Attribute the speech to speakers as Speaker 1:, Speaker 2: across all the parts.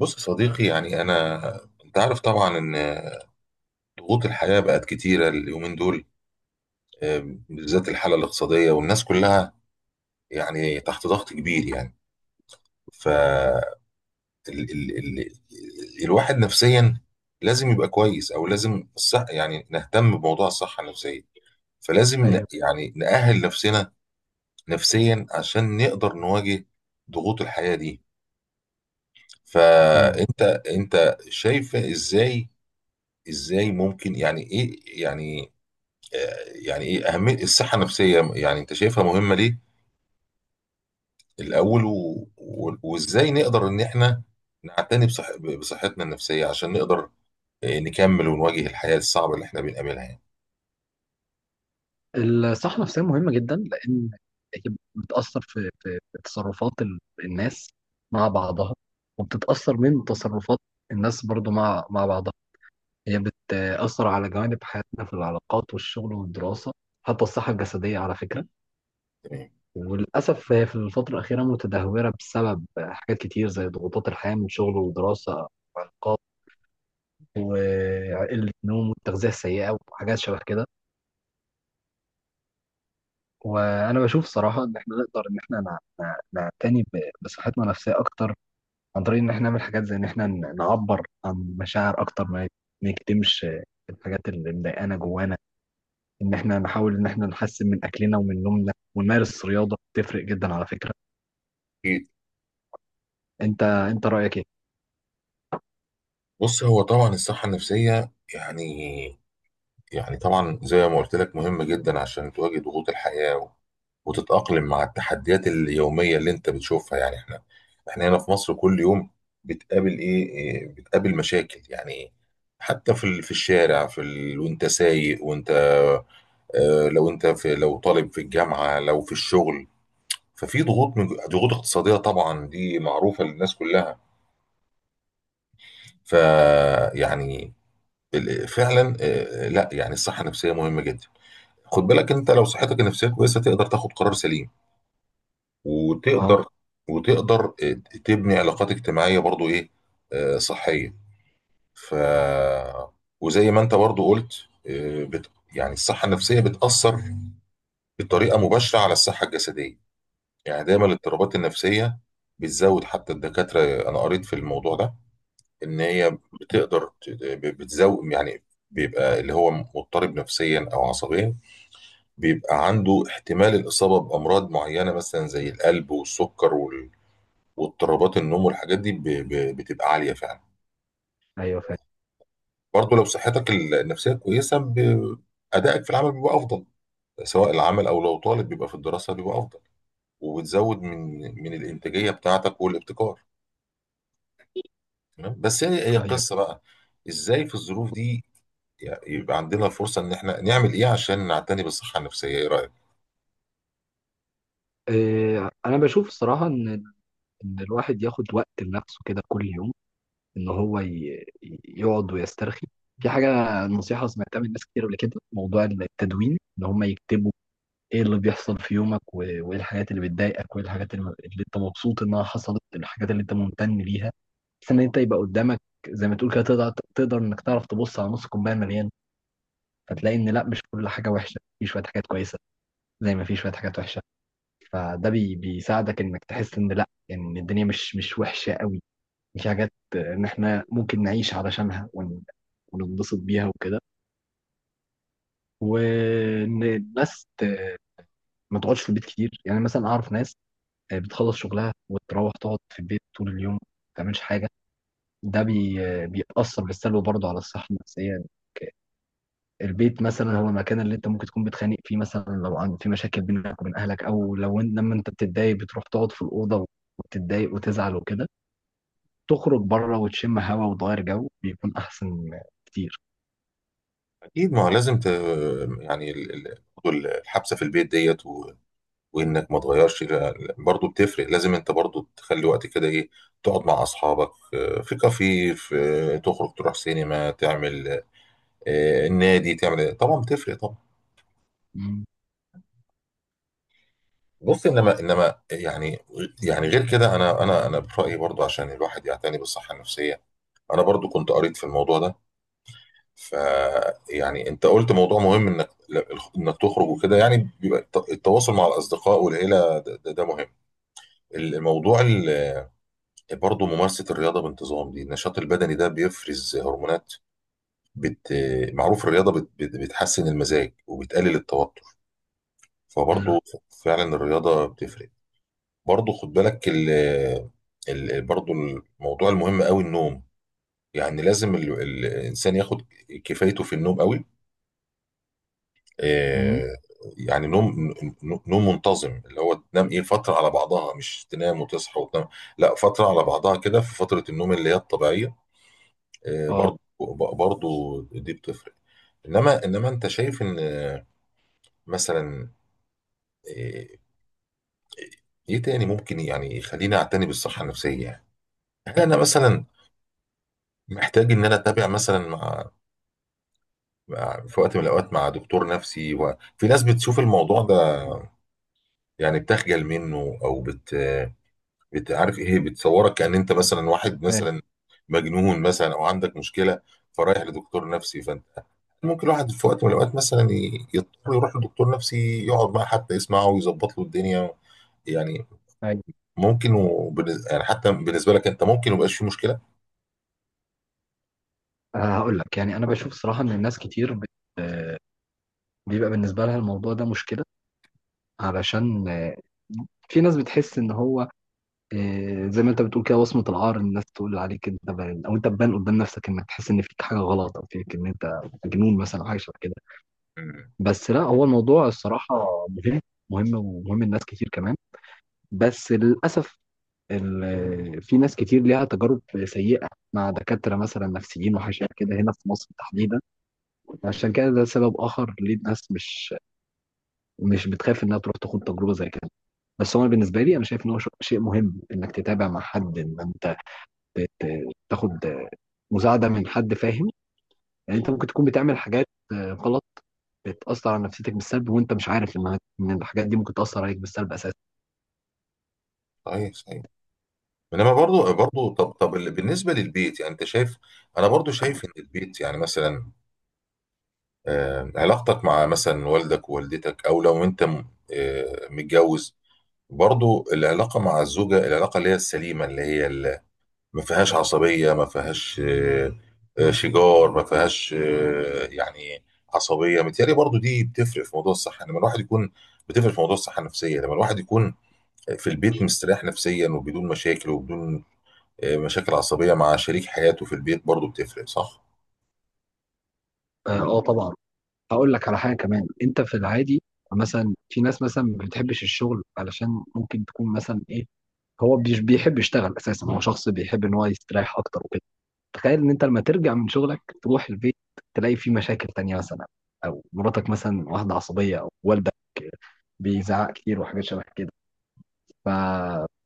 Speaker 1: بص يا صديقي، انا انت عارف طبعا ان ضغوط الحياه بقت كتيره اليومين دول. آه، بالذات الحاله الاقتصاديه والناس كلها يعني تحت ضغط كبير يعني ف ال ال ال الواحد نفسيا لازم يبقى كويس، او لازم الصح، يعني نهتم بموضوع الصحه النفسيه. فلازم
Speaker 2: ايوه.
Speaker 1: يعني نأهل نفسنا نفسيا عشان نقدر نواجه ضغوط الحياه دي.
Speaker 2: مم.
Speaker 1: فانت انت شايفه ازاي؟ ازاي ممكن يعني ايه يعني يعني ايه اهميه الصحه النفسيه؟ يعني انت شايفها مهمه ليه الاول؟ وازاي نقدر ان احنا نعتني بصحتنا النفسيه عشان نقدر، نكمل ونواجه الحياه الصعبه اللي احنا بنقابلها يعني.
Speaker 2: الصحة النفسية مهمة جدا لأن هي بتأثر في تصرفات الناس مع بعضها، وبتتأثر من تصرفات الناس برضو مع بعضها. هي بتأثر على جوانب حياتنا في العلاقات والشغل والدراسة، حتى الصحة الجسدية على فكرة.
Speaker 1: تمام.
Speaker 2: وللأسف هي في الفترة الأخيرة متدهورة بسبب حاجات كتير زي ضغوطات الحياة من شغل ودراسة وعلاقات وقلة النوم والتغذية السيئة وحاجات شبه كده. وانا بشوف صراحه ان احنا نقدر ان احنا نعتني بصحتنا النفسيه اكتر، عن طريق ان احنا نعمل حاجات زي ان احنا نعبر عن مشاعر اكتر، ما نكتمش الحاجات اللي مضايقانا جوانا. ان احنا نحاول ان احنا نحسن من اكلنا ومن نومنا، ونمارس رياضه تفرق جدا على فكره.
Speaker 1: أكيد.
Speaker 2: انت رايك ايه؟
Speaker 1: بص، هو طبعا الصحه النفسيه يعني، يعني طبعا زي ما قلت لك مهم جدا عشان تواجه ضغوط الحياة وتتأقلم مع التحديات اليومية اللي انت بتشوفها. يعني احنا هنا في مصر كل يوم بتقابل ايه إيه، بتقابل مشاكل يعني، حتى في الشارع، وانت سايق، وانت، لو انت في لو طالب في الجامعة، لو في الشغل. ففي ضغوط، من ضغوط اقتصادية طبعا دي معروفة للناس كلها. فيعني فعلا آه، لا يعني الصحة النفسية مهمة جدا. خد بالك، انت لو صحتك النفسيه كويسه تقدر تاخد قرار سليم،
Speaker 2: اه.
Speaker 1: وتقدر وتقدر تبني علاقات اجتماعيه برضو، ايه، اه، صحيه. ف وزي ما انت برضو قلت، اه، يعني الصحه النفسيه بتاثر بطريقه مباشره على الصحه الجسديه. يعني دايما الاضطرابات النفسيه بتزود، حتى الدكاتره انا قريت في الموضوع ده ان هي بتقدر بتزود يعني. بيبقى اللي هو مضطرب نفسيا او عصبيا، بيبقى عنده احتمال الإصابة بأمراض معينة، مثلا زي القلب والسكر واضطرابات النوم، والحاجات دي بتبقى عالية فعلا.
Speaker 2: ايوه، فاهم.
Speaker 1: برضه لو صحتك النفسية كويسة أدائك في العمل بيبقى أفضل، سواء العمل أو لو طالب بيبقى في الدراسة بيبقى أفضل، وبتزود من الإنتاجية بتاعتك والابتكار. تمام؟ بس هي
Speaker 2: ايوه.
Speaker 1: قصة بقى إزاي في الظروف دي يعني يبقى عندنا الفرصة إن إحنا نعمل إيه عشان نعتني بالصحة النفسية؟ إيه رأيك؟
Speaker 2: إيه، انا بشوف الصراحه ان الواحد ياخد وقت لنفسه كده كل يوم، ان هو يقعد ويسترخي. في حاجه، نصيحه سمعتها من ناس كتير قبل كده في موضوع التدوين، ان هم يكتبوا ايه اللي بيحصل في يومك، وايه الحاجات اللي بتضايقك، وايه الحاجات اللي انت مبسوط انها حصلت، الحاجات اللي انت ممتن ليها. بس ان انت يبقى قدامك زي ما تقول كده، تقدر، انك تعرف تبص على نص كوبايه مليان، فتلاقي ان لا، مش كل حاجه وحشه، في شويه حاجات كويسه زي ما في شويه حاجات وحشه. فده بيساعدك انك تحس ان لا، يعني ان الدنيا مش وحشه قوي، في حاجات ان احنا ممكن نعيش علشانها وننبسط بيها وكده. وان الناس ما تقعدش في البيت كتير، يعني مثلا اعرف ناس بتخلص شغلها وتروح تقعد في البيت طول اليوم ما تعملش حاجه. ده بيأثر بالسلب برضه على الصحه النفسيه. البيت مثلا هو المكان اللي انت ممكن تكون بتخانق فيه، مثلا لو عن في مشاكل بينك وبين اهلك، او لو لما انت بتتضايق بتروح تقعد في الاوضه وتتضايق وتزعل وكده. تخرج بره وتشم هوا وتغير جو، بيكون احسن كتير.
Speaker 1: أكيد، ما هو لازم يعني برضو الحبسة في البيت ديت وانك ما تغيرش برضه بتفرق. لازم انت برضه تخلي وقت كده، ايه، تقعد مع اصحابك، في كافيه، في آه، تخرج تروح سينما، تعمل، النادي، تعمل إيه. طبعا بتفرق طبعا.
Speaker 2: مم.
Speaker 1: بص، انما يعني، يعني غير كده، انا انا برايي برضه عشان الواحد يعتني بالصحه النفسيه، انا برضه كنت قريت في الموضوع ده. ف يعني انت قلت موضوع مهم، انك تخرج وكده. يعني بيبقى التواصل مع الاصدقاء والعيله ده، ده مهم الموضوع. برضه ممارسة الرياضة بانتظام، دي النشاط البدني ده بيفرز هرمونات بت... معروف الرياضة بتحسن المزاج وبتقلل التوتر.
Speaker 2: ايوه.
Speaker 1: فبرضه فعلا الرياضة بتفرق. برضه خد بالك برضه الموضوع المهم قوي النوم. يعني لازم الإنسان ياخد كفايته في النوم قوي،
Speaker 2: امم.
Speaker 1: آه، يعني نوم، نوم منتظم، اللي هو تنام ايه فترة على بعضها، مش تنام وتصحى وتنام، لا، فترة على بعضها كده، في فترة النوم اللي هي الطبيعية.
Speaker 2: اه،
Speaker 1: برضو، برضو دي بتفرق. انما انت شايف ان مثلا، آه، ايه تاني ممكن يعني يخليني اعتني بالصحه النفسيه يعني؟ هل انا مثلا محتاج ان انا اتابع مثلا مع، في وقت من الاوقات، مع دكتور نفسي؟ وفي ناس بتشوف الموضوع ده يعني بتخجل منه، او عارف ايه، بتصورك كأن انت مثلا واحد
Speaker 2: فاهم.
Speaker 1: مثلا مجنون مثلا، او عندك مشكله فرايح لدكتور نفسي. فانت ممكن الواحد في وقت من الاوقات مثلا يضطر يروح لدكتور نفسي يقعد معاه حتى يسمعه ويظبط له الدنيا يعني.
Speaker 2: ايوه.
Speaker 1: ممكن يعني حتى بالنسبه لك انت ممكن ميبقاش فيه مشكله.
Speaker 2: آه، هقول لك يعني انا بشوف صراحه ان الناس كتير بت... آه، بيبقى بالنسبه لها الموضوع ده مشكله. علشان في ناس بتحس ان هو زي ما انت بتقول كده، وصمه العار، الناس تقول عليك انت بان او انت تبان قدام نفسك، انك تحس ان فيك حاجه غلط او فيك ان انت مجنون مثلا او حاجه شبه كده.
Speaker 1: مم.
Speaker 2: بس لا، هو الموضوع الصراحه مهم، مهم ومهم لناس كتير كمان، بس للاسف في ناس كتير ليها تجارب سيئه مع دكاتره مثلا نفسيين وحاجات كده هنا في مصر تحديدا. عشان كده ده سبب اخر ليه الناس مش بتخاف انها تروح تاخد تجربه زي كده. بس هو بالنسبه لي انا شايف ان هو شيء مهم انك تتابع مع حد، ان انت تاخد مساعده من حد فاهم. يعني انت ممكن تكون بتعمل حاجات غلط، بتاثر على نفسيتك بالسلب، وانت مش عارف انها ان الحاجات دي ممكن تاثر عليك بالسلب اساسا.
Speaker 1: صحيح صحيح. انما برضو، برضو بالنسبه للبيت، يعني انت شايف، انا برضو شايف ان البيت يعني مثلا، علاقتك مع مثلا والدك ووالدتك، او لو انت متجوز، برضو العلاقة مع الزوجة، العلاقة اللي هي السليمة، اللي هي اللي ما فيهاش عصبية، ما فيهاش شجار، ما فيهاش يعني عصبية، متهيألي برضو دي بتفرق في موضوع الصحة لما الواحد يكون، بتفرق في موضوع الصحة النفسية لما الواحد يكون في البيت مستريح نفسيا، وبدون مشاكل، وبدون مشاكل عصبية مع شريك حياته في البيت، برضو بتفرق، صح؟
Speaker 2: اه. آه، طبعا. هقول لك على حاجه كمان. انت في العادي مثلا، في ناس مثلا ما بتحبش الشغل، علشان ممكن تكون مثلا ايه، هو مش بيحب يشتغل اساسا، هو شخص بيحب ان هو يستريح اكتر وكده. تخيل ان انت لما ترجع من شغلك تروح البيت، تلاقي فيه مشاكل تانية مثلا، او مراتك مثلا واحدة عصبية او والدك بيزعق كتير وحاجات شبه كده. ف...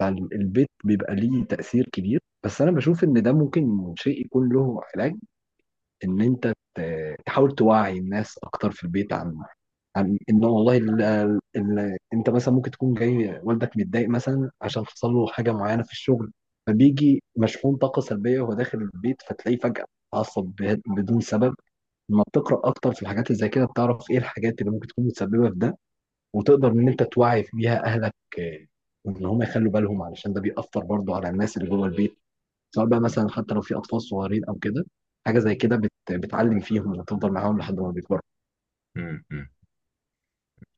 Speaker 2: فالبيت بيبقى ليه تأثير كبير، بس انا بشوف ان ده ممكن شيء يكون له علاج، ان انت تحاول توعي الناس اكتر في البيت عن، ان والله ال ال انت مثلا ممكن تكون جاي والدك متضايق مثلا عشان حصل له حاجه معينه في الشغل، فبيجي مشحون طاقه سلبيه وهو داخل البيت فتلاقيه فجاه اتعصب بدون سبب. لما بتقرا اكتر في الحاجات اللي زي كده، بتعرف ايه الحاجات اللي ممكن تكون متسببه في ده، وتقدر ان انت توعي بيها اهلك. آه، وان هم يخلوا بالهم علشان ده بيأثر برضه على الناس اللي جوه البيت، سواء بقى مثلا حتى لو في اطفال صغيرين او كده، حاجه زي كده بتعلم فيهم وتفضل معاهم لحد ما بيكبروا.
Speaker 1: م- م.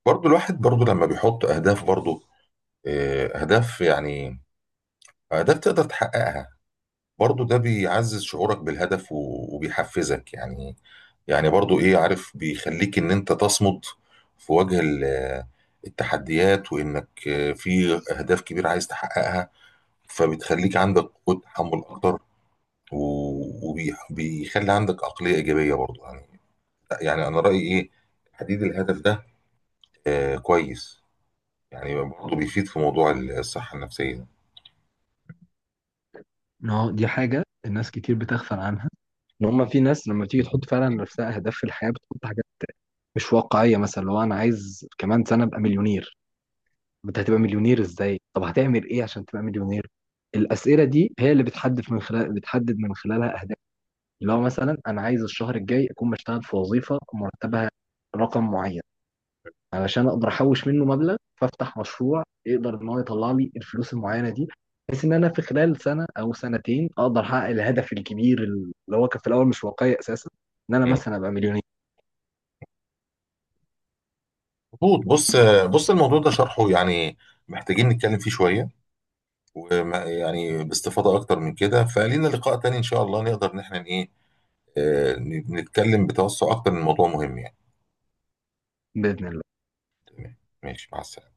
Speaker 1: برضو الواحد برضو لما بيحط أهداف، برضو أهداف يعني أهداف تقدر تحققها، برضو ده بيعزز شعورك بالهدف وبيحفزك يعني. يعني برضو ايه، عارف، بيخليك ان انت تصمد في وجه التحديات، وانك في اهداف كبيرة عايز تحققها، فبتخليك عندك قوة تحمل اكتر، وبيخلي عندك عقلية ايجابية برضو يعني. يعني انا رأيي ايه تحديد الهدف ده، آه، كويس. يعني برضو بيفيد في موضوع الصحة النفسية.
Speaker 2: إن هو دي حاجه الناس كتير بتغفل عنها، ان هم في ناس لما تيجي تحط فعلا لنفسها اهداف في الحياه بتحط حاجات مش واقعيه. مثلا لو انا عايز كمان سنه ابقى مليونير، طب انت هتبقى مليونير ازاي، طب هتعمل ايه عشان تبقى مليونير؟ الاسئله دي هي اللي بتحدد من خلالها اهداف. لو مثلا انا عايز الشهر الجاي اكون بشتغل في وظيفه مرتبها رقم معين، علشان اقدر احوش منه مبلغ فافتح مشروع يقدر ان هو يطلع لي الفلوس المعينه دي، بحيث ان انا في خلال سنه او سنتين اقدر احقق الهدف الكبير اللي هو كان في الاول مش واقعي اساسا، ان انا
Speaker 1: مم.
Speaker 2: مثلا ابقى مليونير.
Speaker 1: مظبوط. بص، بص الموضوع ده شرحه يعني محتاجين نتكلم فيه شوية، وما يعني باستفاضة أكتر من كده. فلينا لقاء تاني إن شاء الله نقدر إن إحنا إيه، آه، نتكلم بتوسع أكتر من موضوع مهم يعني.
Speaker 2: باذن الله.
Speaker 1: تمام، ماشي، مع السلامة.